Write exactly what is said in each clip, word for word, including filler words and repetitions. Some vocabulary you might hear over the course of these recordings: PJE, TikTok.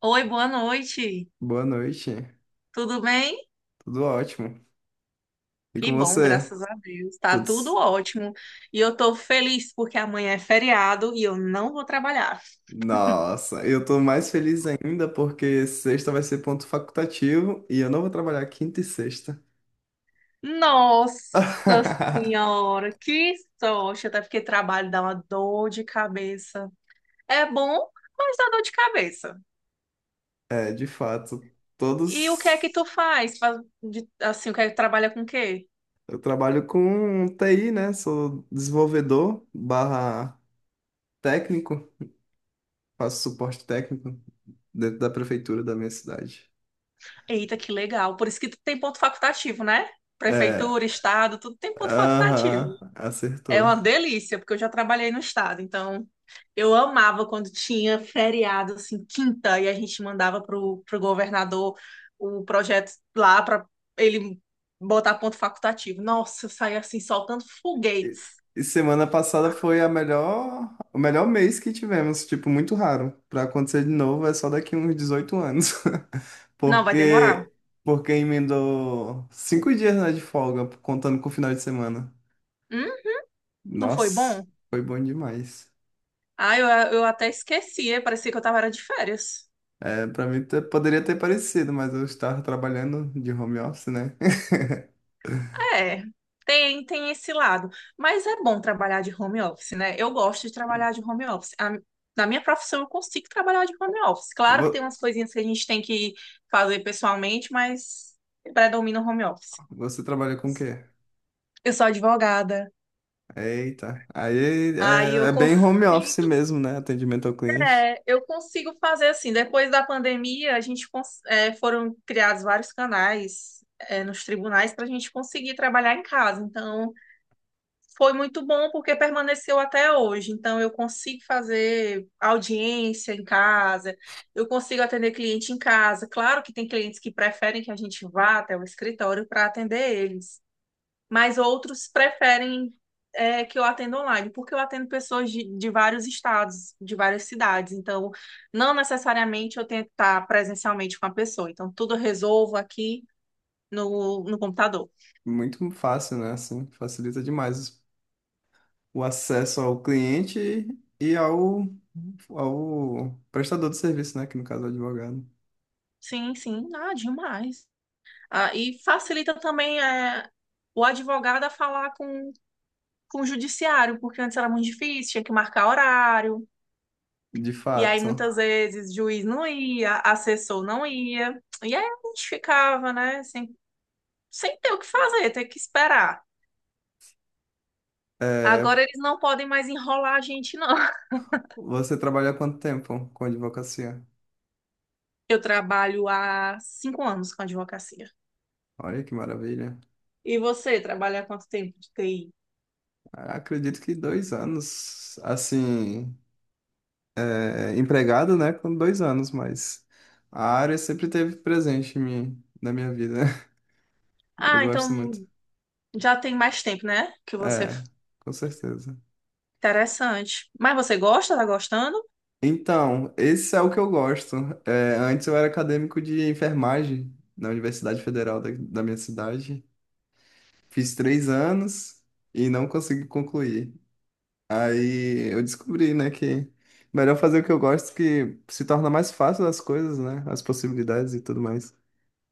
Oi, boa noite. Boa noite. Tudo bem? Tudo ótimo. E Que com bom, você? graças a Deus. Tá tudo Todos. ótimo. E eu tô feliz porque amanhã é feriado e eu não vou trabalhar. Nossa, eu tô mais feliz ainda porque sexta vai ser ponto facultativo e eu não vou trabalhar quinta e sexta. Nossa Senhora, que sorte! Até porque trabalho dá uma dor de cabeça. É bom, mas dá dor de cabeça. É, de fato, E o que é todos. que tu faz? Faz de- Assim, o que é que tu trabalha com o quê? Eu trabalho com T I, né? Sou desenvolvedor barra técnico, faço suporte técnico dentro da prefeitura da minha cidade. Eita, que legal. Por isso que tu tem ponto facultativo, né? É, Prefeitura, estado, tudo tem ponto facultativo. aham, É uma acertou. delícia, porque eu já trabalhei no estado, então eu amava quando tinha feriado, assim, quinta, e a gente mandava pro, pro governador o projeto lá para ele botar ponto facultativo. Nossa, eu saía assim, soltando E foguetes. e semana passada foi a melhor, o melhor mês que tivemos, tipo, muito raro. Pra acontecer de novo é só daqui uns dezoito anos. Não, vai demorar. Porque porque emendou cinco dias, né, de folga, contando com o final de semana. Hum? Não foi Nossa, bom? foi bom demais. Ah, eu, eu até esquecia, parecia que eu tava era de férias. É, para mim te- poderia ter parecido, mas eu estava trabalhando de home office, né? É, tem, tem esse lado. Mas é bom trabalhar de home office, né? Eu gosto de trabalhar de home office. A- na minha profissão, eu consigo trabalhar de home office. Claro que tem Vo- umas coisinhas que a gente tem que fazer pessoalmente, mas predomina o home office. Você trabalha com o quê? Eu sou advogada. Eita, aí Aí é, eu, é cons bem home office mesmo, né? Atendimento ao cliente. é, eu consigo fazer assim. Depois da pandemia, a gente cons- é, foram criados vários canais, é, nos tribunais para a gente conseguir trabalhar em casa. Então. Foi muito bom porque permaneceu até hoje. Então, eu consigo fazer audiência em casa, eu consigo atender cliente em casa. Claro que tem clientes que preferem que a gente vá até o escritório para atender eles, mas outros preferem é, que eu atenda online, porque eu atendo pessoas de, de vários estados, de várias cidades. Então, não necessariamente eu tenho que estar presencialmente com a pessoa. Então, tudo eu resolvo aqui no, no computador. Muito fácil, né? Assim, facilita demais o acesso ao cliente e ao, ao prestador de serviço, né? Que no caso é o advogado. Sim, sim, ah, demais. Ah, e facilita também é, o advogado a falar com, com o judiciário, porque antes era muito difícil, tinha que marcar horário, De e aí fato. muitas vezes juiz não ia, assessor não ia, e aí a gente ficava, né, sem, sem ter o que fazer, ter que esperar. Agora É, eles não podem mais enrolar a gente, não. você trabalha há quanto tempo com advocacia? Eu trabalho há cinco anos com advocacia. Olha que maravilha. E você trabalha há quanto tempo de T I? Acredito que dois anos, assim, é, empregado, né? Com dois anos, mas a área sempre teve presente em mim, na minha vida. Eu Ah, gosto muito. então já tem mais tempo, né? Que você. É, com certeza. Interessante. Mas você gosta? Tá gostando? Então, esse é o que eu gosto. É, antes eu era acadêmico de enfermagem na Universidade Federal da, da minha cidade. Fiz três anos e não consegui concluir. Aí eu descobri, né, que melhor fazer o que eu gosto, que se torna mais fácil as coisas, né, as possibilidades e tudo mais.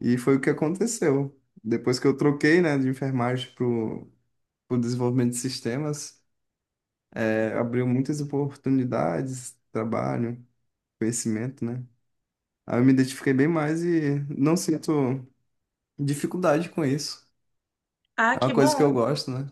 E foi o que aconteceu. Depois que eu troquei, né, de enfermagem para o desenvolvimento de sistemas, é, abriu muitas oportunidades, trabalho, conhecimento, né? Aí eu me identifiquei bem mais e não sinto dificuldade com isso. Ah, É uma que coisa que eu bom, gosto, né?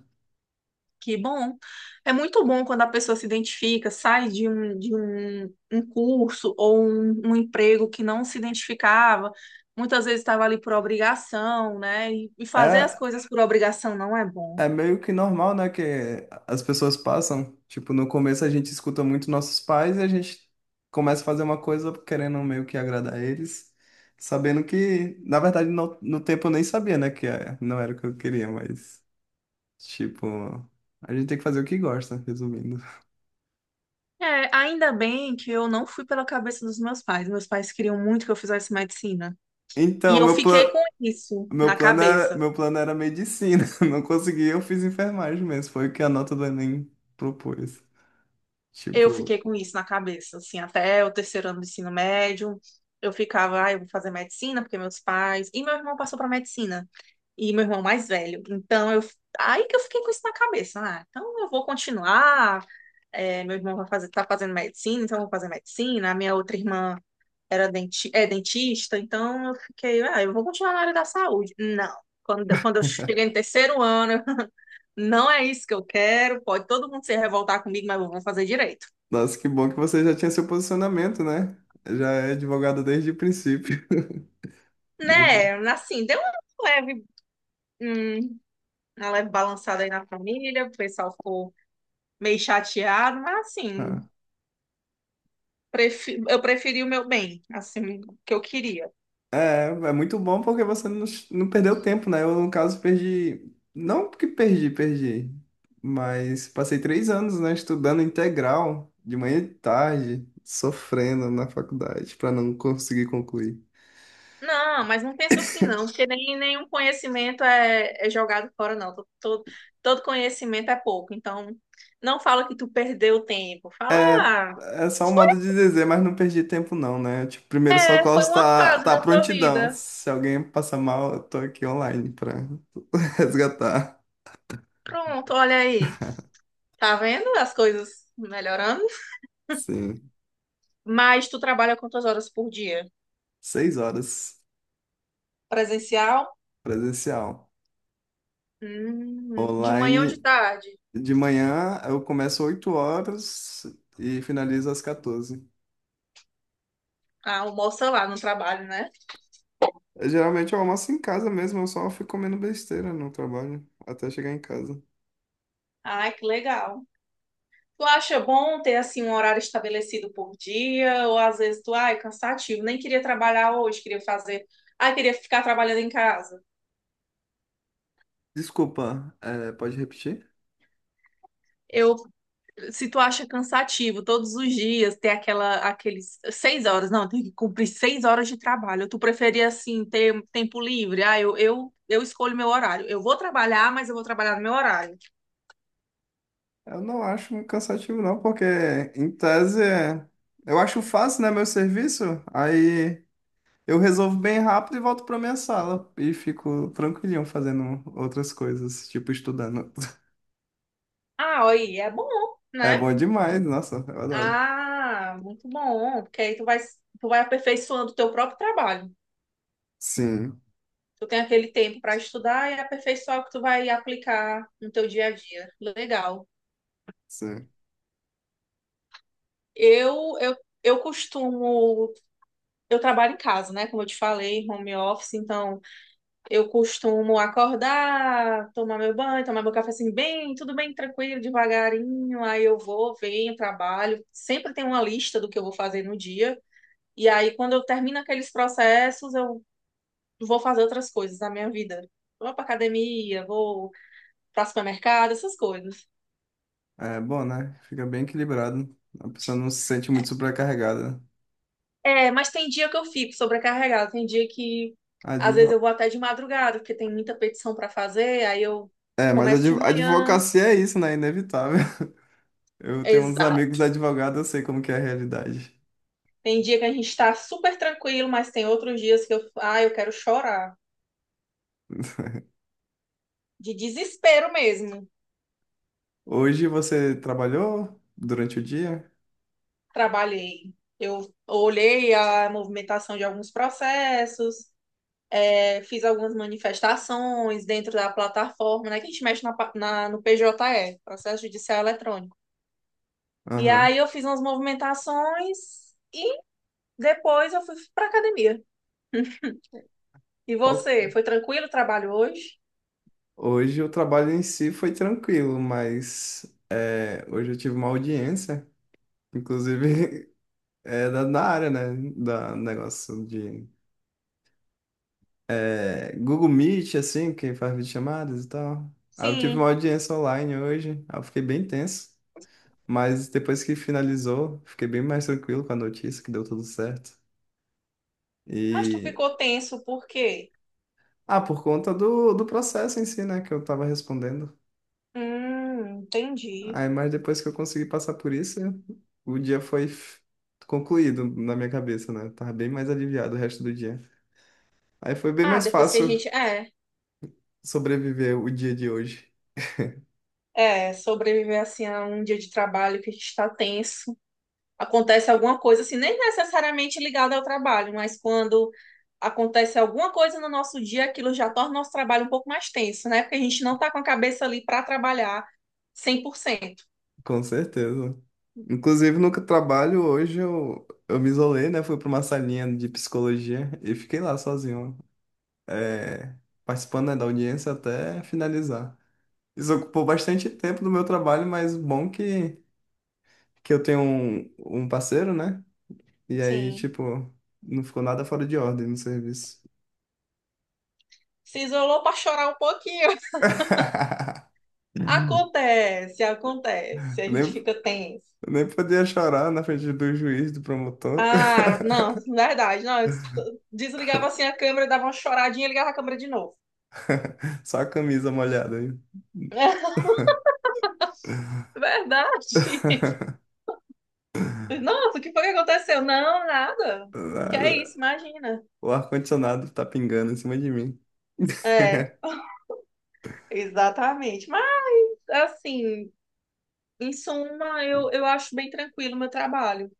que bom. É muito bom quando a pessoa se identifica, sai de um, de um, um curso ou um, um emprego que não se identificava, muitas vezes estava ali por obrigação, né? E, e fazer as É, coisas por obrigação não é bom. é meio que normal, né? Que as pessoas passam. Tipo, no começo a gente escuta muito nossos pais e a gente começa a fazer uma coisa querendo meio que agradar eles, sabendo que, na verdade, no, no tempo eu nem sabia, né? Que é- não era o que eu queria, mas, tipo, a gente tem que fazer o que gosta, resumindo. É, ainda bem que eu não fui pela cabeça dos meus pais. Meus pais queriam muito que eu fizesse medicina. E Então, eu meu fiquei com plano. isso Meu na plano era, cabeça. meu plano era medicina. Não consegui, eu fiz enfermagem mesmo. Foi o que a nota do Enem propôs. Eu Tipo, fiquei com isso na cabeça, assim, até o terceiro ano do ensino médio. Eu ficava, ah, eu vou fazer medicina, porque meus pais. E meu irmão passou para medicina. E meu irmão mais velho. Então, eu... aí que eu fiquei com isso na cabeça. Ah, então eu vou continuar. É, meu irmão vai fazer, tá fazendo medicina, então eu vou fazer medicina. A minha outra irmã era denti... é dentista, então eu fiquei, ah, eu vou continuar na área da saúde. Não. Quando, quando eu cheguei no terceiro ano, não é isso que eu quero. Pode todo mundo se revoltar comigo, mas eu vou fazer direito. nossa, que bom que você já tinha seu posicionamento, né? Já é advogado desde o princípio. Desde- Né, assim, deu um leve, hum, uma leve balançada aí na família, o pessoal ficou meio chateado, mas assim, Ah. prefi- eu preferi o meu bem, assim, o que eu queria. É, é muito bom porque você não, não perdeu tempo, né? Eu, no caso, perdi. Não que perdi, perdi. Mas passei três anos, né, estudando integral, de manhã e tarde, sofrendo na faculdade, para não conseguir concluir. Não, mas não pensa assim não, porque nem nenhum conhecimento é, é jogado fora não, todo, todo, todo conhecimento é pouco, então não fala que tu perdeu tempo, fala, É, ah, é só um foi, modo de dizer, mas não perdi tempo não, né? Tipo, primeiro é, socorro foi uma tá, fase tá à da sua prontidão. vida, Se alguém passar mal, eu tô aqui online pra resgatar. pronto, olha aí, tá vendo as coisas melhorando? Sim. Mas tu trabalha quantas horas por dia? Seis horas Presencial? presencial. Hum, de manhã ou de Online tarde? de manhã eu começo oito horas e finalizo às quatorze. Ah, almoça lá no trabalho, né? Eu, geralmente eu almoço em casa mesmo, eu só fico comendo besteira no trabalho até chegar em casa. Ah, que legal. Tu acha bom ter assim um horário estabelecido por dia? Ou às vezes tu, ai, cansativo, nem queria trabalhar hoje, queria fazer, ai, queria ficar trabalhando em casa. Desculpa, é, pode repetir? Eu Se tu acha cansativo todos os dias ter aquela, aqueles seis horas, não, tem que cumprir seis horas de trabalho. Tu preferia assim ter tempo livre? Ah, eu, eu, eu escolho meu horário. Eu vou trabalhar, mas eu vou trabalhar no meu horário. Eu não acho muito cansativo, não, porque em tese é- eu acho fácil, né, meu serviço. Aí eu resolvo bem rápido e volto pra minha sala e fico tranquilinho fazendo outras coisas, tipo estudando. Ah, aí é bom, É né? bom demais, nossa, eu adoro. Ah, muito bom, porque aí tu vai, tu vai aperfeiçoando o teu próprio trabalho. Sim, Tu tem aquele tempo para estudar e aperfeiçoar o que tu vai aplicar no teu dia a dia. Legal. sim. Eu, eu eu costumo Eu trabalho em casa, né? Como eu te falei, home office, então eu costumo acordar, tomar meu banho, tomar meu café assim, bem, tudo bem, tranquilo, devagarinho. Aí eu vou, venho, trabalho. Sempre tem uma lista do que eu vou fazer no dia. E aí, quando eu termino aqueles processos, eu vou fazer outras coisas na minha vida. Vou pra academia, vou pra supermercado, essas coisas. É bom, né? Fica bem equilibrado. A pessoa não se sente muito sobrecarregada. É, mas tem dia que eu fico sobrecarregada, tem dia que às vezes Advo... eu vou até de madrugada, porque tem muita petição para fazer, aí eu É, mas começo de adv... manhã. advocacia é isso, né? Inevitável. Eu tenho uns amigos Exato. advogados, eu sei como que é a realidade. Tem dia que a gente está super tranquilo, mas tem outros dias que eu, ah, eu quero chorar, de desespero mesmo. Hoje você trabalhou durante o dia? Trabalhei. Eu olhei a movimentação de alguns processos, é, fiz algumas manifestações dentro da plataforma, né, que a gente mexe na, pa- na- no P J E, Processo Judicial Eletrônico. E Aham. aí eu fiz umas movimentações e depois eu fui pra academia. E Ó, você, foi tranquilo o trabalho hoje? hoje o trabalho em si foi tranquilo, mas é, hoje eu tive uma audiência, inclusive é da, da área, né? Da negócio de é, Google Meet, assim, que faz videochamadas e tal. Aí eu tive uma Sim, audiência online hoje, aí eu fiquei bem tenso, mas depois que finalizou, fiquei bem mais tranquilo com a notícia que deu tudo certo. mas tu E. ficou tenso por quê? Ah, por conta do, do processo em si, né? Que eu tava respondendo. Hum, entendi. Aí, mas depois que eu consegui passar por isso, o dia foi f- concluído na minha cabeça, né? Eu tava bem mais aliviado o resto do dia. Aí foi bem Ah, mais depois que a fácil gente é, sobreviver o dia de hoje, é, sobreviver assim a um dia de trabalho que a gente tá tenso, acontece alguma coisa assim, nem necessariamente ligada ao trabalho, mas quando acontece alguma coisa no nosso dia, aquilo já torna o nosso trabalho um pouco mais tenso, né? Porque a gente não tá com a cabeça ali pra trabalhar cem por cento. com certeza. Inclusive, no trabalho hoje eu, eu me isolei, né? Fui para uma salinha de psicologia e fiquei lá sozinho, é, participando, né, da audiência até finalizar. Isso ocupou bastante tempo do meu trabalho, mas bom que, que eu tenho um, um, parceiro, né? E aí, Sim. tipo, não ficou nada fora de ordem no serviço. Se isolou para chorar um pouquinho. Eu Acontece, acontece. A Nem, gente fica tenso. eu nem podia chorar na frente do juiz, do promotor. Ah, não, verdade. Não, eu desligava assim a câmera, dava uma choradinha e ligava a câmera de novo. Só a camisa molhada aí. Verdade. Nossa, o que foi que aconteceu? Não, nada. Que é Nada. isso, imagina. O ar-condicionado tá pingando em cima de mim. É, exatamente. Mas, assim, em suma, eu, eu acho bem tranquilo o meu trabalho.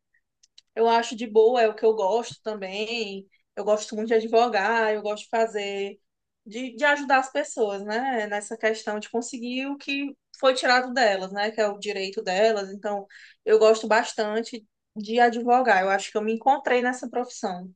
Eu acho de boa, é o que eu gosto também. Eu gosto muito de advogar, eu gosto de fazer, de, de ajudar as pessoas, né? Nessa questão de conseguir o que foi tirado delas, né? Que é o direito delas. Então, eu gosto bastante de advogar. Eu acho que eu me encontrei nessa profissão.